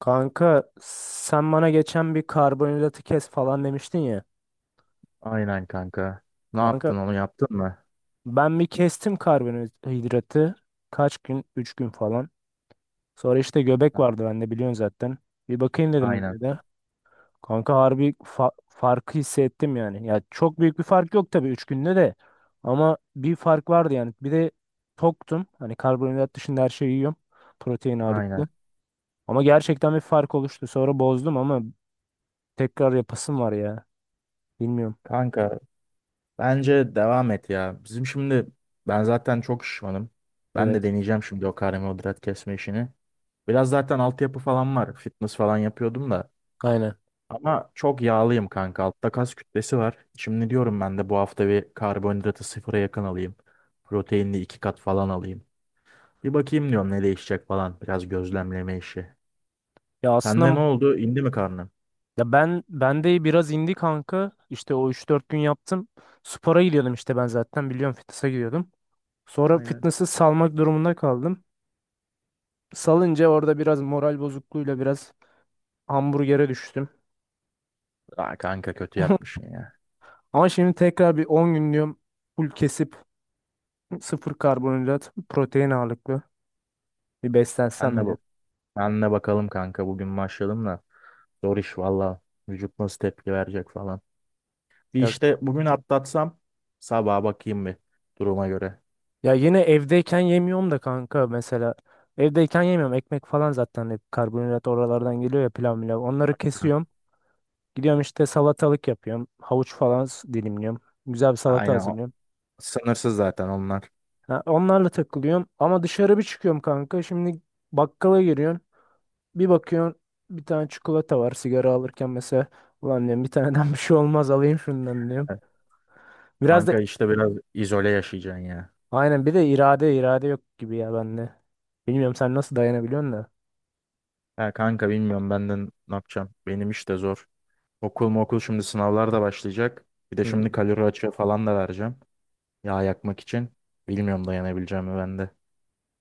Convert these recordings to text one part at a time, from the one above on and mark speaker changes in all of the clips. Speaker 1: Kanka sen bana geçen bir karbonhidratı kes falan demiştin ya.
Speaker 2: Aynen kanka. Ne
Speaker 1: Kanka
Speaker 2: yaptın onu yaptın mı?
Speaker 1: ben bir kestim karbonhidratı. Kaç gün? 3 gün falan. Sonra işte göbek vardı bende biliyorsun zaten. Bir bakayım dedim
Speaker 2: Aynen.
Speaker 1: öyle de. Kanka harbi farkı hissettim yani. Ya çok büyük bir fark yok tabii 3 günde de. Ama bir fark vardı yani. Bir de toktum. Hani karbonhidrat dışında her şeyi yiyorum. Protein
Speaker 2: Aynen.
Speaker 1: ağırlıklı. Ama gerçekten bir fark oluştu. Sonra bozdum ama tekrar yapasım var ya. Bilmiyorum.
Speaker 2: Kanka bence devam et ya. Bizim şimdi ben zaten çok şişmanım. Ben de
Speaker 1: Evet.
Speaker 2: deneyeceğim şimdi o karbonhidrat kesme işini. Biraz zaten altyapı falan var. Fitness falan yapıyordum da.
Speaker 1: Aynen.
Speaker 2: Ama çok yağlıyım kanka. Altta kas kütlesi var. Şimdi diyorum ben de bu hafta bir karbonhidratı sıfıra yakın alayım. Proteinli 2 kat falan alayım. Bir bakayım diyorum ne değişecek falan. Biraz gözlemleme işi.
Speaker 1: Ya
Speaker 2: Sende
Speaker 1: aslında
Speaker 2: ne oldu? İndi mi karnın?
Speaker 1: ya ben de biraz indi kanka. İşte o 3-4 gün yaptım. Spora gidiyordum işte ben zaten biliyorum fitness'a gidiyordum. Sonra
Speaker 2: Aynen.
Speaker 1: fitness'ı salmak durumunda kaldım. Salınca orada biraz moral bozukluğuyla biraz hamburgere düştüm.
Speaker 2: Aa, kanka kötü yapmışsın ya.
Speaker 1: Ama şimdi tekrar bir 10 gün diyorum full kesip sıfır karbonhidrat, protein ağırlıklı bir
Speaker 2: Ben
Speaker 1: beslensem
Speaker 2: de,
Speaker 1: bile.
Speaker 2: bak, ben de bakalım kanka bugün başladım da. Zor iş valla. Vücut nasıl tepki verecek falan. Bir
Speaker 1: Ya,
Speaker 2: işte bugün atlatsam sabaha bakayım bir duruma göre.
Speaker 1: ya yine evdeyken yemiyorum da kanka mesela. Evdeyken yemiyorum. Ekmek falan zaten hep karbonhidrat oralardan geliyor ya pilav milav. Onları
Speaker 2: Hı.
Speaker 1: kesiyorum. Gidiyorum işte salatalık yapıyorum. Havuç falan dilimliyorum. Güzel bir salata
Speaker 2: Aynen o.
Speaker 1: hazırlıyorum.
Speaker 2: Sınırsız zaten onlar.
Speaker 1: Ha, onlarla takılıyorum. Ama dışarı bir çıkıyorum kanka. Şimdi bakkala giriyorsun. Bir bakıyorsun bir tane çikolata var sigara alırken mesela. Ulan diyorum bir taneden bir şey olmaz alayım şundan diyorum.
Speaker 2: Evet.
Speaker 1: Biraz da
Speaker 2: Kanka işte biraz izole yaşayacaksın ya.
Speaker 1: aynen bir de irade irade yok gibi ya bende. Bilmiyorum sen nasıl dayanabiliyorsun da.
Speaker 2: Ya kanka bilmiyorum benden ne yapacağım. Benim iş de zor. Okul mu okul, şimdi sınavlar da başlayacak. Bir de
Speaker 1: Hmm.
Speaker 2: şimdi kalori açığı falan da vereceğim. Yağ yakmak için. Bilmiyorum dayanabileceğim mi ben de.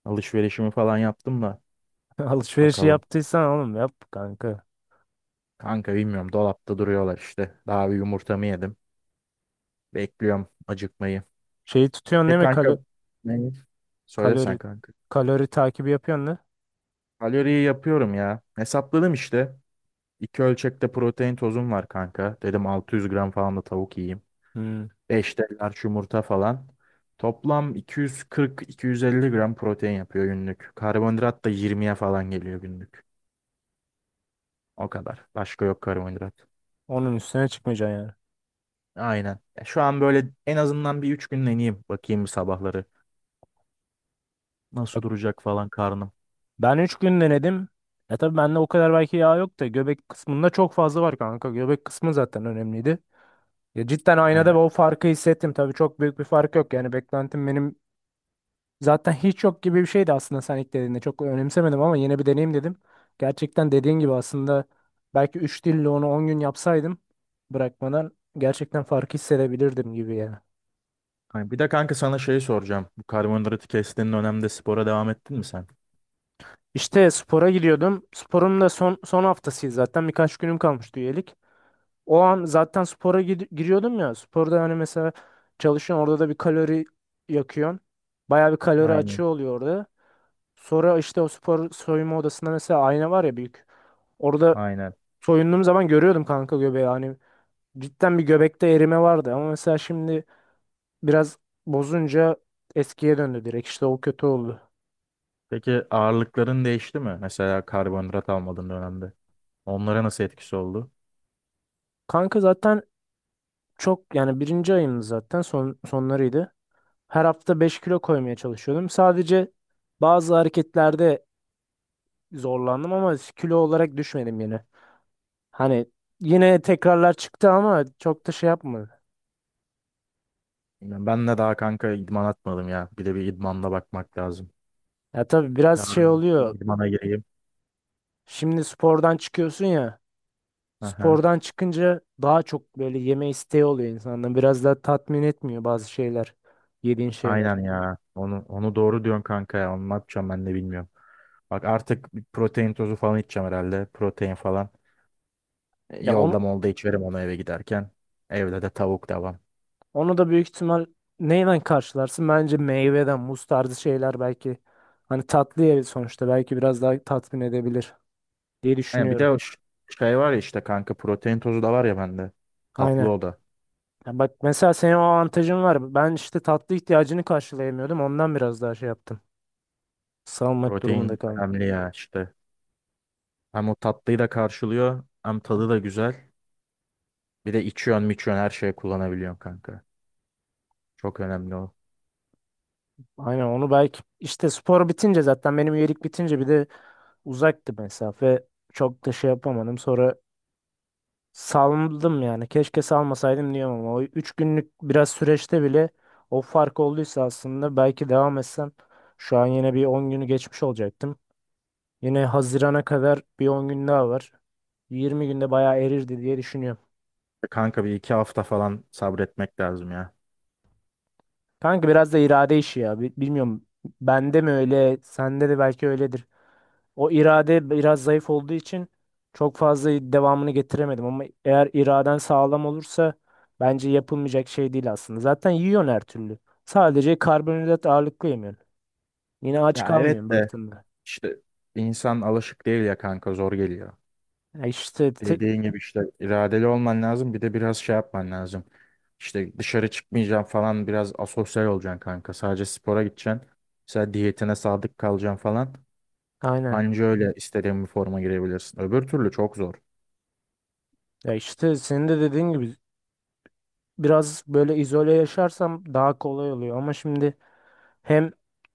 Speaker 2: Alışverişimi falan yaptım da.
Speaker 1: Alışverişi
Speaker 2: Bakalım.
Speaker 1: yaptıysan oğlum yap kanka.
Speaker 2: Kanka bilmiyorum. Dolapta duruyorlar işte. Daha bir yumurtamı yedim. Bekliyorum acıkmayı.
Speaker 1: Şeyi tutuyorsun
Speaker 2: E
Speaker 1: değil mi?
Speaker 2: kanka, ne? Söylesen
Speaker 1: Kalori
Speaker 2: kanka.
Speaker 1: kalori takibi yapıyorsun da.
Speaker 2: Kaloriyi yapıyorum ya. Hesapladım işte. 2 ölçekte protein tozum var kanka. Dedim 600 gram falan da tavuk yiyeyim.
Speaker 1: Hmm.
Speaker 2: 5 de large yumurta falan. Toplam 240-250 gram protein yapıyor günlük. Karbonhidrat da 20'ye falan geliyor günlük. O kadar. Başka yok karbonhidrat.
Speaker 1: Onun üstüne çıkmayacaksın yani.
Speaker 2: Aynen. Ya şu an böyle en azından bir 3 gün deneyeyim, bakayım bir sabahları. Nasıl duracak falan karnım.
Speaker 1: Ben 3 gün denedim. Ya tabii bende o kadar belki yağ yok da göbek kısmında çok fazla var kanka. Göbek kısmı zaten önemliydi. Ya cidden aynada
Speaker 2: Aynen.
Speaker 1: o farkı hissettim. Tabii çok büyük bir fark yok. Yani beklentim benim zaten hiç yok gibi bir şeydi aslında sen ilk dediğinde. Çok önemsemedim ama yine bir deneyim dedim. Gerçekten dediğin gibi aslında belki 3 dille onu 10 gün yapsaydım bırakmadan gerçekten farkı hissedebilirdim gibi ya.
Speaker 2: Aynen. Bir de kanka sana şey soracağım. Bu karbonhidratı kestiğin dönemde spora devam ettin mi sen?
Speaker 1: İşte spora gidiyordum. Sporun da son son haftasıydı zaten. Birkaç günüm kalmıştı üyelik. O an zaten spora giriyordum ya. Sporda hani mesela çalışıyorsun orada da bir kalori yakıyorsun. Bayağı bir kalori
Speaker 2: Aynen.
Speaker 1: açığı oluyor orada. Sonra işte o spor soyunma odasında mesela ayna var ya büyük. Orada
Speaker 2: Aynen.
Speaker 1: soyunduğum zaman görüyordum kanka göbeği. Hani cidden bir göbekte erime vardı ama mesela şimdi biraz bozunca eskiye döndü direkt. İşte o kötü oldu.
Speaker 2: Peki ağırlıkların değişti mi? Mesela karbonhidrat almadığın dönemde. Onlara nasıl etkisi oldu?
Speaker 1: Kanka zaten çok yani birinci ayımdı zaten sonlarıydı. Her hafta 5 kilo koymaya çalışıyordum. Sadece bazı hareketlerde zorlandım ama kilo olarak düşmedim yine. Hani yine tekrarlar çıktı ama çok da şey yapmadı.
Speaker 2: Bilmiyorum. Ben de daha kanka idman atmadım ya. Bir de bir idmanla bakmak lazım.
Speaker 1: Ya tabii biraz şey
Speaker 2: Yarın bir
Speaker 1: oluyor.
Speaker 2: idmana gireyim.
Speaker 1: Şimdi spordan çıkıyorsun ya.
Speaker 2: Aha.
Speaker 1: Spordan çıkınca daha çok böyle yeme isteği oluyor insanda. Biraz daha tatmin etmiyor bazı şeyler. Yediğin
Speaker 2: Aynen
Speaker 1: şeyler.
Speaker 2: ya. Onu doğru diyorsun kanka ya. Onu ne yapacağım ben de bilmiyorum. Bak, artık bir protein tozu falan içeceğim herhalde. Protein falan. E,
Speaker 1: Ya
Speaker 2: yolda
Speaker 1: onu,
Speaker 2: molda içerim onu eve giderken. Evde de tavuk devam.
Speaker 1: onu da büyük ihtimal neyle karşılarsın? Bence meyveden, muz tarzı şeyler belki. Hani tatlı yeri sonuçta belki biraz daha tatmin edebilir diye
Speaker 2: Yani bir
Speaker 1: düşünüyorum.
Speaker 2: de o şey var ya işte kanka, protein tozu da var ya bende. Tatlı
Speaker 1: Aynen.
Speaker 2: o da.
Speaker 1: Ya bak mesela senin o avantajın var. Ben işte tatlı ihtiyacını karşılayamıyordum. Ondan biraz daha şey yaptım. Salmak durumunda
Speaker 2: Protein
Speaker 1: kaldım.
Speaker 2: önemli ya işte. Hem o tatlıyı da karşılıyor hem tadı da güzel. Bir de içiyorsun miçiyorsun, her şeye kullanabiliyorsun kanka. Çok önemli o.
Speaker 1: Aynen onu belki işte spor bitince zaten benim üyelik bitince bir de uzaktı mesafe. Çok da şey yapamadım. Sonra saldım yani. Keşke salmasaydım diyorum ama o 3 günlük biraz süreçte bile o fark olduysa aslında belki devam etsem şu an yine bir 10 günü geçmiş olacaktım. Yine Haziran'a kadar bir 10 gün daha var. 20 günde bayağı erirdi diye düşünüyorum.
Speaker 2: E, kanka bir iki hafta falan sabretmek lazım ya.
Speaker 1: Kanka biraz da irade işi ya. Bilmiyorum. Bende mi öyle, sende de belki öyledir. O irade biraz zayıf olduğu için çok fazla devamını getiremedim ama eğer iraden sağlam olursa bence yapılmayacak şey değil aslında. Zaten yiyorsun her türlü. Sadece karbonhidrat ağırlıklı yemiyorsun. Yine aç
Speaker 2: Ya
Speaker 1: kalmıyorsun
Speaker 2: evet de
Speaker 1: baktığında.
Speaker 2: işte, insan alışık değil ya kanka, zor geliyor.
Speaker 1: Ya işte
Speaker 2: Dediğin gibi işte iradeli olman lazım. Bir de biraz şey yapman lazım. İşte dışarı çıkmayacağım falan, biraz asosyal olacaksın kanka. Sadece spora gideceksin. Mesela diyetine sadık kalacaksın falan.
Speaker 1: aynen.
Speaker 2: Anca öyle istediğin bir forma girebilirsin. Öbür türlü çok zor.
Speaker 1: Ya işte senin de dediğin gibi biraz böyle izole yaşarsam daha kolay oluyor ama şimdi hem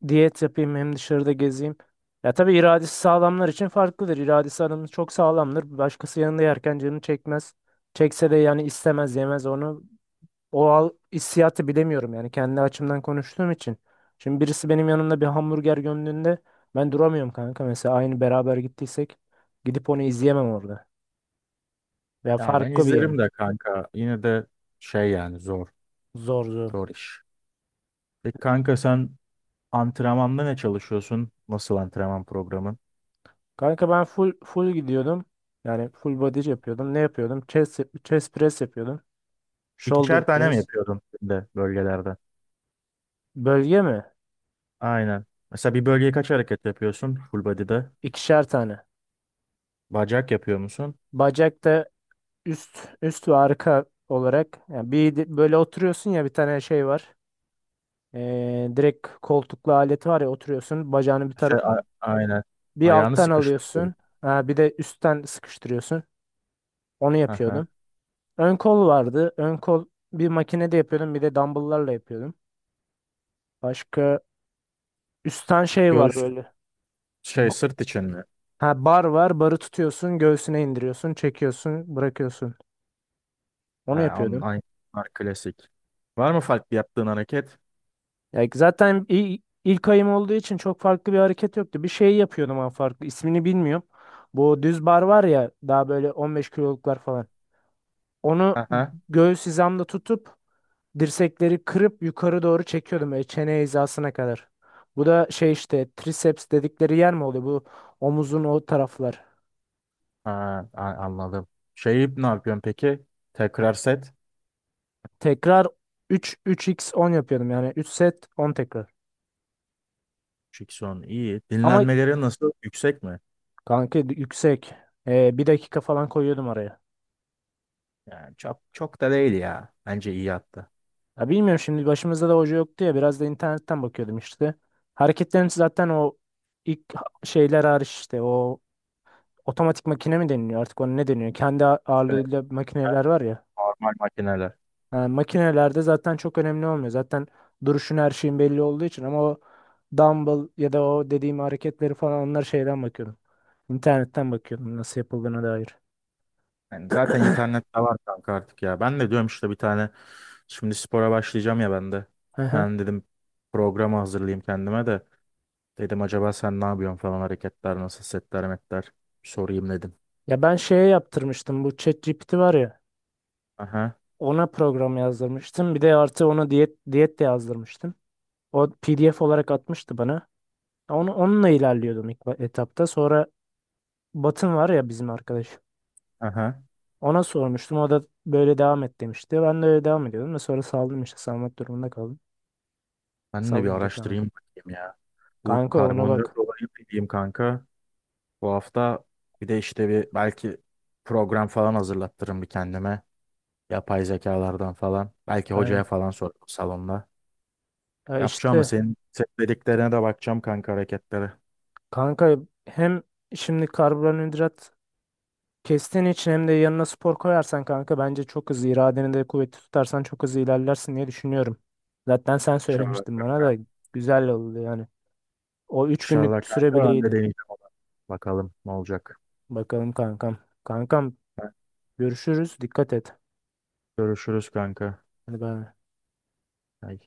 Speaker 1: diyet yapayım hem dışarıda gezeyim. Ya tabii iradesi sağlamlar için farklıdır. İradesi adamın çok sağlamdır. Başkası yanında yerken canını çekmez. Çekse de yani istemez yemez onu. Hissiyatı bilemiyorum yani kendi açımdan konuştuğum için. Şimdi birisi benim yanımda bir hamburger gömdüğünde ben duramıyorum kanka. Mesela aynı beraber gittiysek gidip onu izleyemem orada. Veya
Speaker 2: Ya ben
Speaker 1: farklı bir
Speaker 2: izlerim de
Speaker 1: yemek.
Speaker 2: kanka. Yine de şey yani, zor.
Speaker 1: Zor zor.
Speaker 2: Zor iş. Peki kanka sen antrenmanda ne çalışıyorsun? Nasıl antrenman programın?
Speaker 1: Kanka ben full full gidiyordum. Yani full body yapıyordum. Ne yapıyordum? Chest press yapıyordum. Shoulder
Speaker 2: İkişer tane mi
Speaker 1: press.
Speaker 2: yapıyordun de bölgelerde?
Speaker 1: Bölge mi?
Speaker 2: Aynen. Mesela bir bölgeye kaç hareket yapıyorsun full body'de?
Speaker 1: İkişer tane.
Speaker 2: Bacak yapıyor musun?
Speaker 1: Bacakta üst üst ve arka olarak yani bir böyle oturuyorsun ya bir tane şey var. Direkt koltuklu aleti var ya oturuyorsun. Bacağını bir taraf
Speaker 2: Şey, aynen.
Speaker 1: bir
Speaker 2: Ayağını
Speaker 1: alttan
Speaker 2: sıkıştırdın.
Speaker 1: alıyorsun. Ha, bir de üstten sıkıştırıyorsun. Onu
Speaker 2: Hı hı.
Speaker 1: yapıyordum. Ön kol vardı. Ön kol bir makinede yapıyordum. Bir de dumbbell'larla yapıyordum. Başka üstten şey var
Speaker 2: Göğüs
Speaker 1: böyle.
Speaker 2: şey,
Speaker 1: Ba-
Speaker 2: sırt için mi?
Speaker 1: Ha, bar var. Barı tutuyorsun. Göğsüne indiriyorsun. Çekiyorsun. Bırakıyorsun.
Speaker 2: He,
Speaker 1: Onu yapıyordum.
Speaker 2: klasik. Var mı farklı yaptığın hareket?
Speaker 1: Ya zaten ilk ayım olduğu için çok farklı bir hareket yoktu. Bir şey yapıyordum ama farklı. İsmini bilmiyorum. Bu düz bar var ya daha böyle 15 kiloluklar falan. Onu
Speaker 2: Hı hı.
Speaker 1: göğüs hizamda tutup dirsekleri kırıp yukarı doğru çekiyordum böyle çene hizasına kadar. Bu da şey işte triceps dedikleri yer mi oluyor? Bu omuzun o taraflar.
Speaker 2: Ha, anladım. Şeyi ne yapıyorsun peki? Tekrar set.
Speaker 1: Tekrar 3 3x 10 yapıyordum yani 3 set 10 tekrar.
Speaker 2: Şikson iyi.
Speaker 1: Ama
Speaker 2: Dinlenmeleri nasıl? Yüksek mi?
Speaker 1: kanka yüksek. Bir dakika falan koyuyordum araya.
Speaker 2: Yani çok çok da değil ya. Bence iyi hatta.
Speaker 1: Ya bilmiyorum şimdi başımızda da hoca yoktu ya biraz da internetten bakıyordum işte. Hareketlerin zaten o ilk şeyler hariç işte o otomatik makine mi deniliyor artık ona ne deniyor? Kendi
Speaker 2: Şöyle
Speaker 1: ağırlığıyla makineler var ya.
Speaker 2: normal makineler.
Speaker 1: Yani makinelerde zaten çok önemli olmuyor. Zaten duruşun her şeyin belli olduğu için ama o dumbbell ya da o dediğim hareketleri falan onlar şeyden bakıyordum. İnternetten bakıyordum nasıl yapıldığına dair.
Speaker 2: Yani zaten internette var kanka artık ya. Ben de diyorum işte bir tane, şimdi spora başlayacağım ya ben de.
Speaker 1: Hı
Speaker 2: Bir
Speaker 1: hı.
Speaker 2: tane dedim programı hazırlayayım kendime de. Dedim acaba sen ne yapıyorsun falan, hareketler nasıl, setler metler bir sorayım dedim.
Speaker 1: Ya ben şeye yaptırmıştım bu ChatGPT var ya.
Speaker 2: Aha,
Speaker 1: Ona program yazdırmıştım. Bir de artı ona diyet de yazdırmıştım. O PDF olarak atmıştı bana. Onunla ilerliyordum ilk etapta. Sonra Batın var ya bizim arkadaş.
Speaker 2: aha,
Speaker 1: Ona sormuştum. O da böyle devam et demişti. Ben de öyle devam ediyordum ve sonra saldım işte salmak durumunda kaldım.
Speaker 2: ben de bir
Speaker 1: Sallayınca kanka.
Speaker 2: araştırayım bakayım ya. Bu
Speaker 1: Kanka ona
Speaker 2: karbonhidrat
Speaker 1: bak.
Speaker 2: olayı diyeyim kanka. Bu hafta bir de işte bir belki program falan hazırlattırım bir kendime. Yapay zekalardan falan. Belki hocaya
Speaker 1: Aynen.
Speaker 2: falan sorarım salonda.
Speaker 1: Ya
Speaker 2: Yapacağım ama
Speaker 1: işte
Speaker 2: senin dediklerine de bakacağım kanka, hareketlere.
Speaker 1: kanka hem şimdi karbonhidrat kestiğin için hem de yanına spor koyarsan kanka bence çok hızlı iradeni de kuvvetli tutarsan çok hızlı ilerlersin diye düşünüyorum. Zaten sen
Speaker 2: İnşallah
Speaker 1: söylemiştin bana
Speaker 2: kanka.
Speaker 1: da güzel oldu yani. O 3
Speaker 2: İnşallah
Speaker 1: günlük süre
Speaker 2: kanka
Speaker 1: bile
Speaker 2: ben de
Speaker 1: iyiydi.
Speaker 2: deneyeceğim onu. Bakalım ne olacak.
Speaker 1: Bakalım kankam. Kankam görüşürüz. Dikkat et.
Speaker 2: Görüşürüz kanka.
Speaker 1: Hadi bay, bay.
Speaker 2: Ay.